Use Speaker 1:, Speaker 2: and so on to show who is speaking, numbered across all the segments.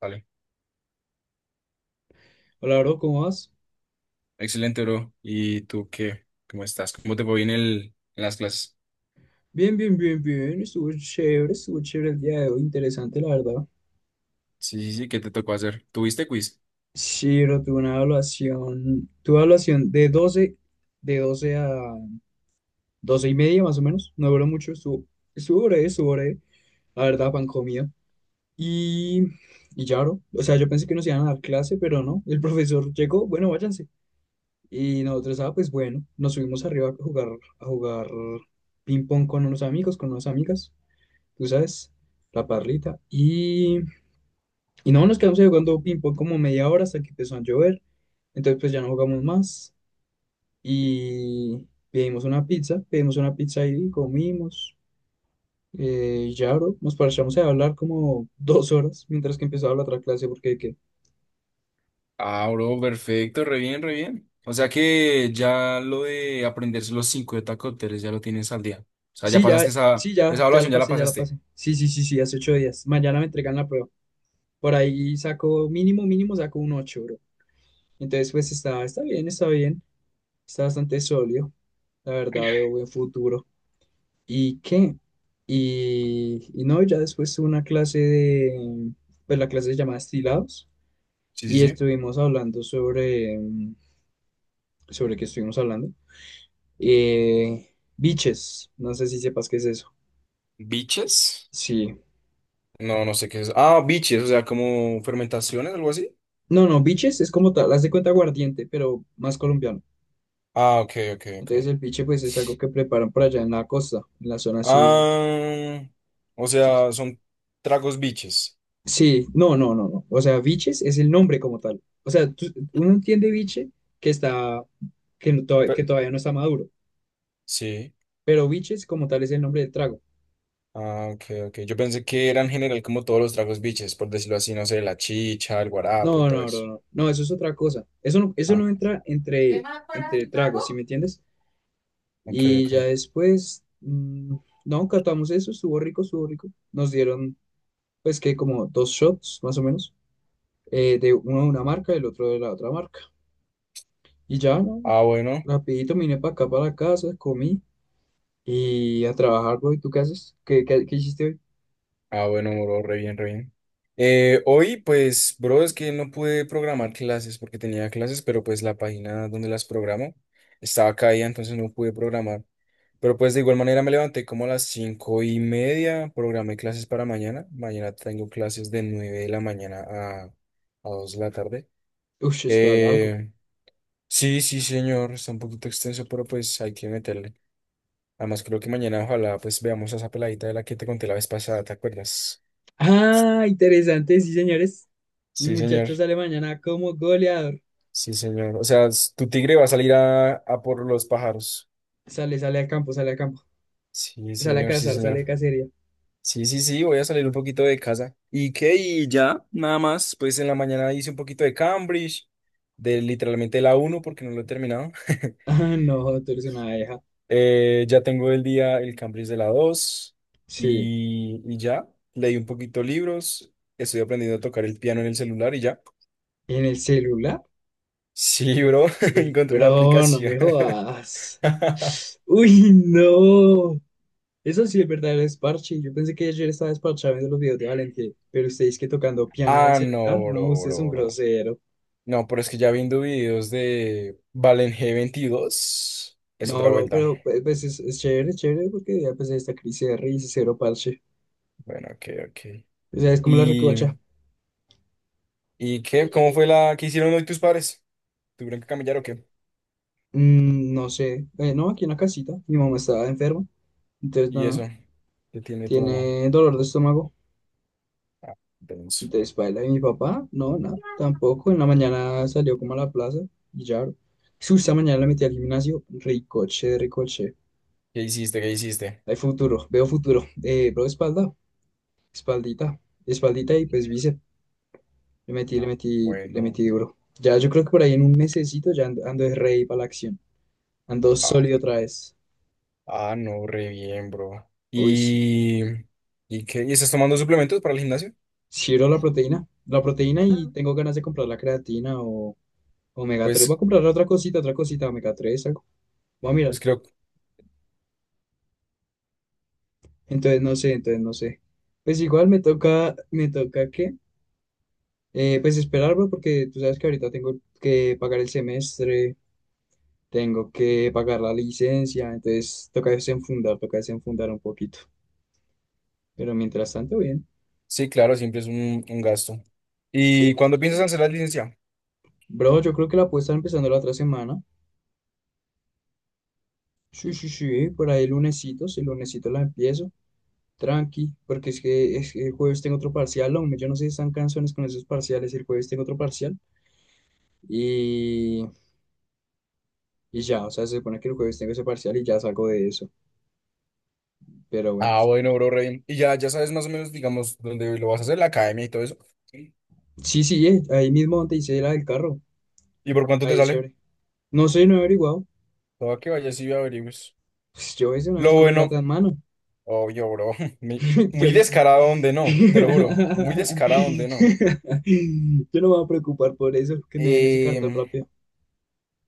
Speaker 1: Vale.
Speaker 2: Hola, bro, ¿cómo vas?
Speaker 1: Excelente, bro. ¿Y tú qué? ¿Cómo estás? ¿Cómo te fue en las clases?
Speaker 2: Bien, bien, bien, bien. Estuvo chévere el día de hoy. Interesante, la verdad.
Speaker 1: Sí, sí, sí, ¿qué te tocó hacer? ¿Tuviste quiz?
Speaker 2: Sí, bro, tuve una evaluación de doce a 12:30, más o menos. No duró mucho, estuvo breve, estuvo breve. La verdad, pan comido. Y, y ya, bro. O sea, yo pensé que nos iban a dar clase, pero no. El profesor llegó, bueno, váyanse. Y nosotros, ah, pues bueno, nos subimos arriba a jugar ping pong con unos amigos, con unas amigas. Tú sabes, la parrita. Y no, nos quedamos ahí jugando ping-pong como media hora hasta que empezó a llover. Entonces, pues ya no jugamos más. Y pedimos una pizza ahí, comimos. Ya, bro, nos paramos a hablar como 2 horas mientras que empezaba la otra clase, porque...
Speaker 1: Ah, bro, perfecto, re bien, re bien. O sea que ya lo de aprenderse los cinco de tacópteros ya lo tienes al día. O sea, ya
Speaker 2: Sí,
Speaker 1: pasaste
Speaker 2: ya,
Speaker 1: esa,
Speaker 2: sí,
Speaker 1: esa
Speaker 2: ya, ya la
Speaker 1: evaluación, ya la
Speaker 2: pasé, ya la
Speaker 1: pasaste.
Speaker 2: pasé. Sí, sí, sí, sí, hace 8 días. Mañana me entregan la prueba. Por ahí saco, mínimo, mínimo saco un 8, bro. Entonces, pues está bien, está bien. Está bastante sólido. La verdad, veo buen futuro. ¿Y qué? Y no, ya después tuve una clase pues la clase se llama Estilados
Speaker 1: Sí, sí,
Speaker 2: y
Speaker 1: sí.
Speaker 2: estuvimos hablando sobre qué estuvimos hablando. Biches, no sé si sepas qué es eso.
Speaker 1: ¿Biches?
Speaker 2: Sí.
Speaker 1: No, no sé qué es. Ah, biches, o sea, como fermentaciones, algo así.
Speaker 2: No, no, biches es como tal, haz de cuenta aguardiente, pero más colombiano.
Speaker 1: Ah, ok, ok, ok.
Speaker 2: Entonces el biche pues es algo que preparan por allá en la costa, en la zona así.
Speaker 1: Ah, o
Speaker 2: Sí.
Speaker 1: sea, son tragos biches.
Speaker 2: Sí, no, no, no, no. O sea, biches es el nombre como tal. O sea, uno entiende biche que está, que, no- to- que
Speaker 1: Pe-
Speaker 2: todavía no está maduro,
Speaker 1: sí.
Speaker 2: pero biches como tal es el nombre del trago.
Speaker 1: Ah, ok, ok. Yo pensé que era en general como todos los tragos biches, por decirlo así, no sé, la chicha, el
Speaker 2: No,
Speaker 1: guarapo y todo
Speaker 2: no,
Speaker 1: eso.
Speaker 2: no, no, no, eso es otra cosa. Eso no
Speaker 1: Ah,
Speaker 2: entra entre tragos, ¿sí me entiendes?
Speaker 1: ok,
Speaker 2: Y ya
Speaker 1: ok.
Speaker 2: después, no, catamos eso, estuvo rico, estuvo rico. Nos dieron, pues, que como dos shots, más o menos, de uno de una marca y el otro de la otra marca. Y ya, no,
Speaker 1: Ah, bueno,
Speaker 2: rapidito me vine para acá, para la casa, comí. Y a trabajar, güey, ¿tú qué haces? ¿Qué hiciste hoy?
Speaker 1: ah, bueno, bro, re bien, re bien. Hoy, pues, bro, es que no pude programar clases porque tenía clases, pero pues la página donde las programo estaba caída, entonces no pude programar. Pero pues de igual manera me levanté como a las 5:30, programé clases para mañana. Mañana tengo clases de 9 de la mañana a 2 de la tarde.
Speaker 2: Ush, está largo.
Speaker 1: Eh. Sí, sí, señor, está un poquito extenso, pero pues hay que meterle. Además, creo que mañana ojalá pues veamos a esa peladita de la que te conté la vez pasada, ¿te acuerdas?
Speaker 2: Ah, interesante, sí, señores. Mi
Speaker 1: Sí, señor,
Speaker 2: muchacho sale mañana como goleador.
Speaker 1: sí, señor. O sea, tu tigre va a salir a por los pájaros.
Speaker 2: Sale al campo, sale al campo.
Speaker 1: Sí,
Speaker 2: Sale a
Speaker 1: señor, sí,
Speaker 2: cazar, sale a
Speaker 1: señor.
Speaker 2: cacería.
Speaker 1: Sí, sí, sí, voy a salir un poquito de casa. ¿Y qué? Y ya, nada más, pues en la mañana hice un poquito de Cambridge, de literalmente la uno porque no lo he terminado.
Speaker 2: Ah, no, tú eres una abeja.
Speaker 1: Ya tengo el día el Cambridge de la 2
Speaker 2: Sí.
Speaker 1: y ya. Leí un poquito libros, estoy aprendiendo a tocar el piano en el celular y ya.
Speaker 2: ¿En el celular?
Speaker 1: Sí, bro,
Speaker 2: Uy,
Speaker 1: encontré una
Speaker 2: bro, no
Speaker 1: aplicación.
Speaker 2: me jodas. Uy, no. Eso sí es verdadero desparche. Yo pensé que ayer estaba desparchado viendo los videos de Valentín, pero ustedes que tocando piano en el
Speaker 1: Ah,
Speaker 2: celular,
Speaker 1: no,
Speaker 2: no,
Speaker 1: bro,
Speaker 2: usted es un
Speaker 1: bro, bro.
Speaker 2: grosero.
Speaker 1: No, pero es que ya viendo videos de Valen G22, es
Speaker 2: No,
Speaker 1: otra
Speaker 2: bro,
Speaker 1: vuelta.
Speaker 2: pero pues, es chévere, es chévere, porque ya pues esta crisis de raíz, cero parche.
Speaker 1: Bueno, ok, ok.
Speaker 2: O sea, es como la
Speaker 1: ¿Y,
Speaker 2: recocha.
Speaker 1: y qué? ¿Cómo fue la que hicieron hoy tus padres? ¿Tuvieron que camellar o qué?
Speaker 2: No sé. No, aquí en la casita. Mi mamá estaba enferma. Entonces,
Speaker 1: Y
Speaker 2: nada.
Speaker 1: eso, ¿qué tiene tu mamá?
Speaker 2: Tiene dolor de estómago.
Speaker 1: Ah, denso.
Speaker 2: Entonces, baila. Y mi papá, no, nada. Tampoco. En la mañana salió como a la plaza. Y ya, bro. Esta mañana la metí al gimnasio. Ricoche, ricoche.
Speaker 1: ¿Qué hiciste? ¿Qué hiciste?
Speaker 2: Hay futuro. Veo futuro. Bro, espalda. Espaldita. Espaldita y pues bíceps. Le metí, le
Speaker 1: Ah,
Speaker 2: metí, le
Speaker 1: bueno.
Speaker 2: metí duro. Ya, yo creo que por ahí en un mesecito ya ando de rey para la acción. Ando
Speaker 1: Ah,
Speaker 2: sólido otra vez.
Speaker 1: ah, no, re bien, bro.
Speaker 2: Uy, sí.
Speaker 1: ¿Y qué? ¿Y estás tomando suplementos para el gimnasio?
Speaker 2: Quiero la proteína. La proteína y tengo ganas de comprar la creatina o omega 3. Voy a
Speaker 1: Pues,
Speaker 2: comprar otra cosita, omega 3 algo. Voy a mirar.
Speaker 1: pues creo,
Speaker 2: Entonces no sé, entonces no sé. Pues igual me toca que, pues esperar, bro, porque tú sabes que ahorita tengo que pagar el semestre, tengo que pagar la licencia, entonces toca desenfundar un poquito. Pero mientras tanto, bien.
Speaker 1: sí, claro, siempre es un gasto. ¿Y
Speaker 2: Uy,
Speaker 1: cuándo
Speaker 2: sí,
Speaker 1: piensas
Speaker 2: bro.
Speaker 1: hacer la licencia?
Speaker 2: Bro, yo creo que la puedo estar empezando la otra semana. Sí, sí, sí, por ahí el lunesito, si el lunesito la empiezo. Tranqui, porque es que el jueves tengo otro parcial, hombre. Yo no sé si están canciones con esos parciales. El jueves tengo otro parcial. Y, y ya, o sea, se supone que el jueves tengo ese parcial y ya salgo de eso. Pero bueno,
Speaker 1: Ah,
Speaker 2: esperar.
Speaker 1: bueno, bro, re bien. Y ya, ya sabes más o menos, digamos, dónde lo vas a hacer, la academia y todo eso. Sí.
Speaker 2: Sí, sí, ahí mismo donde hice la del carro.
Speaker 1: ¿Y por cuánto te
Speaker 2: Ahí,
Speaker 1: sale?
Speaker 2: chévere. No sé, no he averiguado.
Speaker 1: Todo que vayas y averigües.
Speaker 2: Pues yo hice una vez
Speaker 1: Lo
Speaker 2: con plata
Speaker 1: bueno,
Speaker 2: en mano.
Speaker 1: obvio, bro. Muy
Speaker 2: Yo
Speaker 1: muy
Speaker 2: no-
Speaker 1: descarado donde no, te lo juro.
Speaker 2: Yo
Speaker 1: Muy descarado donde no.
Speaker 2: no me voy a preocupar por eso, que me den ese cartón
Speaker 1: Em,
Speaker 2: rápido.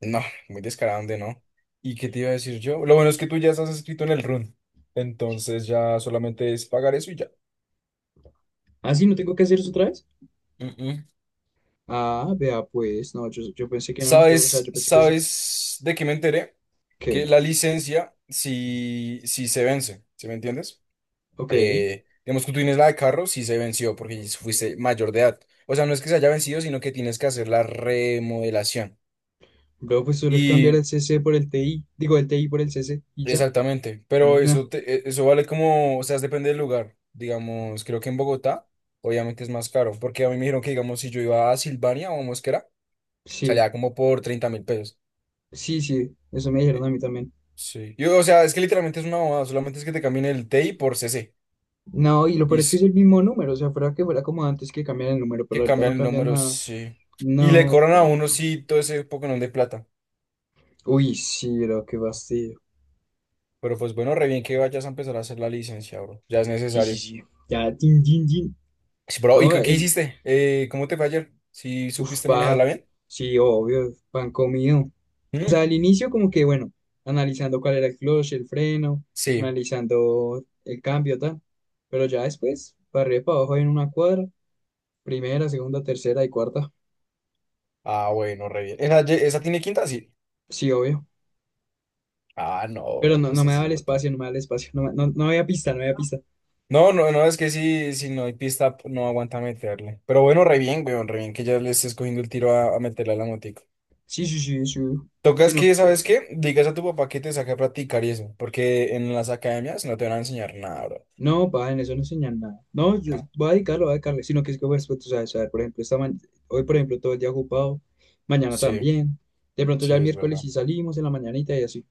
Speaker 1: No, muy descarado, ¿de no? ¿Y qué te iba a decir yo? Lo bueno es que tú ya estás escrito en el run. Entonces ya solamente es pagar eso y ya.
Speaker 2: Ah, sí, no tengo que hacer eso otra vez.
Speaker 1: Mm, mm.
Speaker 2: Ah, vea, pues, no, yo pensé que no, o sea,
Speaker 1: ¿Sabes,
Speaker 2: yo pensé que sí,
Speaker 1: sabes de qué me enteré? Que
Speaker 2: que,
Speaker 1: la licencia, si se vence, ¿sí me entiendes?
Speaker 2: ok,
Speaker 1: Digamos que tú tienes la de carro, si se venció, porque fuiste mayor de edad. O sea, no es que se haya vencido, sino que tienes que hacer la remodelación.
Speaker 2: bro, pues solo es cambiar el
Speaker 1: Y
Speaker 2: CC por el TI, digo, el TI por el CC y ya.
Speaker 1: Exactamente, pero
Speaker 2: Nah,
Speaker 1: eso, eso vale como, o sea, depende del lugar. Digamos, creo que en Bogotá, obviamente es más caro, porque a mí me dijeron que, digamos, si yo iba a Silvania o a Mosquera,
Speaker 2: sí,
Speaker 1: salía como por 30.000 pesos.
Speaker 2: sí, sí, eso me dijeron
Speaker 1: Y-
Speaker 2: a mí también.
Speaker 1: Sí. Yo, o sea, es que literalmente es una bobada, solamente es que te cambien el T TI por C C
Speaker 2: No, y lo
Speaker 1: y
Speaker 2: peor es que es
Speaker 1: s-
Speaker 2: el mismo número, o sea, fuera que fuera como antes que cambian el número, pero
Speaker 1: que
Speaker 2: ahorita
Speaker 1: cambian
Speaker 2: no
Speaker 1: el
Speaker 2: cambian
Speaker 1: número,
Speaker 2: nada.
Speaker 1: sí. Y le
Speaker 2: No,
Speaker 1: cobran a uno,
Speaker 2: paila.
Speaker 1: sí, todo ese Pokémon de plata.
Speaker 2: Uy, sí, bro, qué fastidio.
Speaker 1: Pero pues bueno, re bien que vayas a empezar a hacer la licencia, bro, ya es
Speaker 2: Sí, sí,
Speaker 1: necesario.
Speaker 2: sí. Ya, tin, tin, tin.
Speaker 1: Sí, bro, ¿y
Speaker 2: No,
Speaker 1: qué hiciste? ¿Cómo te fue ayer? ¿Si
Speaker 2: uf,
Speaker 1: supiste manejarla
Speaker 2: va,
Speaker 1: bien?
Speaker 2: sí, obvio, pan comido. O
Speaker 1: Mm,
Speaker 2: sea, al inicio como que, bueno, analizando cuál era el clutch, el freno,
Speaker 1: sí.
Speaker 2: analizando el cambio, tal. Pero ya después, para arriba y para abajo en una cuadra, primera, segunda, tercera y cuarta.
Speaker 1: Ah, bueno, re bien. ¿Esa tiene quinta? Sí.
Speaker 2: Sí, obvio.
Speaker 1: Ah, no,
Speaker 2: Pero
Speaker 1: bro,
Speaker 2: no, no
Speaker 1: pues
Speaker 2: me
Speaker 1: así
Speaker 2: daba
Speaker 1: es
Speaker 2: el
Speaker 1: botado.
Speaker 2: espacio, no me daba el espacio, no, no, no había pista, no había pista.
Speaker 1: No, no, no, es que si no hay pista, no aguanta meterle. Pero bueno,
Speaker 2: Mm,
Speaker 1: re
Speaker 2: mm.
Speaker 1: bien, weón, re bien que ya le estés cogiendo el tiro a meterle a la motico.
Speaker 2: Sí, sí, sí, sí.
Speaker 1: Tocas
Speaker 2: Sino
Speaker 1: que, ¿sabes
Speaker 2: que...
Speaker 1: qué? Digas a tu papá que te saque a practicar y eso, porque en las academias no te van a enseñar nada, bro.
Speaker 2: No, pa, en eso no enseñan nada. No, yo
Speaker 1: No.
Speaker 2: voy a dedicarlo, voy a dedicarle, sino que es que, pues, tú sabes, a ver, por ejemplo, hoy, por ejemplo, todo el día ocupado, mañana
Speaker 1: Sí,
Speaker 2: también, de pronto
Speaker 1: sí,
Speaker 2: ya el
Speaker 1: es
Speaker 2: miércoles
Speaker 1: verdad.
Speaker 2: sí salimos en la mañanita y así.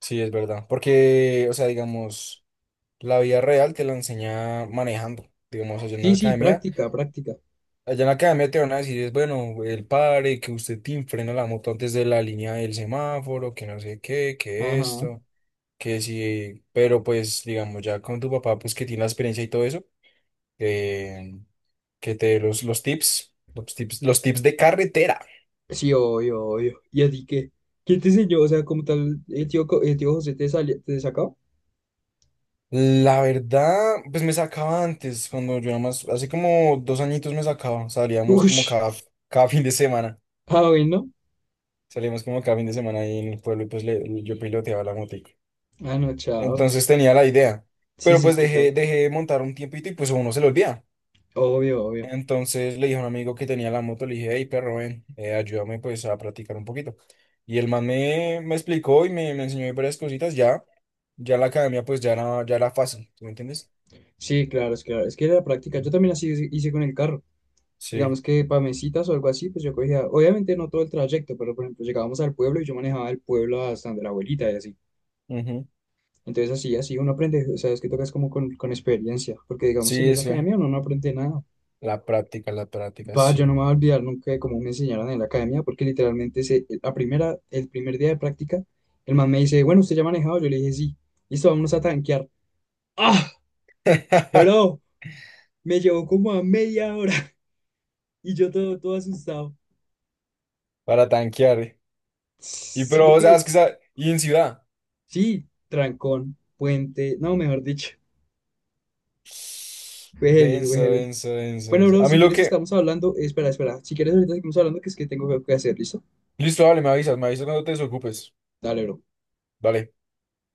Speaker 1: Sí, es verdad. Porque, o sea, digamos, la vida real te la enseña manejando. Digamos, allá en la
Speaker 2: Sí, sí,
Speaker 1: academia.
Speaker 2: práctica, práctica.
Speaker 1: Allá en la academia te van a decir, es bueno, el padre, que usted te frena la moto antes de la línea del semáforo, que no sé qué, que
Speaker 2: Ajá.
Speaker 1: esto, que sí, pero pues, digamos, ya con tu papá, pues que tiene la experiencia y todo eso, eh, que te dé los tips de carretera.
Speaker 2: Sí, obvio, obvio. ¿Y a ti qué? ¿Quién te enseñó? O sea, como tal, el tío José te, salió, te sacó.
Speaker 1: La verdad, pues me sacaba antes, cuando yo nada más, hace como 2 añitos me sacaba, salíamos como
Speaker 2: Ush.
Speaker 1: cada fin de semana,
Speaker 2: Ah, bueno.
Speaker 1: salíamos como cada fin de semana ahí en el pueblo y pues yo piloteaba la moto.
Speaker 2: Ah, no, chao.
Speaker 1: Entonces tenía la idea.
Speaker 2: Sí,
Speaker 1: Pero
Speaker 2: sí,
Speaker 1: pues
Speaker 2: sí, claro.
Speaker 1: dejé de montar un tiempito y pues a uno se le olvida.
Speaker 2: Obvio, obvio.
Speaker 1: Entonces le dije a un amigo que tenía la moto, le dije, hey perro, ven, ayúdame pues a practicar un poquito. Y el man me explicó y me enseñó varias cositas. Ya, ya la academia pues ya era fácil, ¿tú me entiendes?
Speaker 2: Sí, claro. Es que era la práctica. Yo
Speaker 1: Ujú.
Speaker 2: también así hice con el carro.
Speaker 1: Sí.
Speaker 2: Digamos que para mis o algo así, pues yo cogía, obviamente no todo el trayecto, pero por ejemplo llegábamos al pueblo y yo manejaba el pueblo hasta donde la abuelita y así.
Speaker 1: Ujú.
Speaker 2: Entonces así, así uno aprende, o sea, es que tocas como con experiencia, porque digamos en
Speaker 1: Sí,
Speaker 2: esa
Speaker 1: sí.
Speaker 2: academia uno no aprende nada.
Speaker 1: La práctica,
Speaker 2: Va, yo no
Speaker 1: sí.
Speaker 2: me voy a olvidar nunca de cómo me enseñaron en la academia, porque literalmente el primer día de práctica, el man me dice, bueno, ¿usted ya ha manejado? Yo le dije, sí, listo, vámonos a tanquear. ¡Ah! Bro, me llevó como a media hora y yo todo, todo asustado.
Speaker 1: Para tanquear. Y
Speaker 2: Sí,
Speaker 1: pero, o sea,
Speaker 2: porque...
Speaker 1: es que, y en ciudad.
Speaker 2: Sí, trancón, puente, no, mejor dicho, fue heavy, fue
Speaker 1: Denso,
Speaker 2: heavy.
Speaker 1: denso, denso,
Speaker 2: Bueno,
Speaker 1: denso.
Speaker 2: bro,
Speaker 1: A mí
Speaker 2: si
Speaker 1: lo
Speaker 2: quieres
Speaker 1: que,
Speaker 2: estamos hablando, espera, espera, si quieres ahorita estamos hablando que es que tengo que hacer, ¿listo?
Speaker 1: Listo, vale, me avisas cuando te desocupes.
Speaker 2: Dale, bro.
Speaker 1: Vale.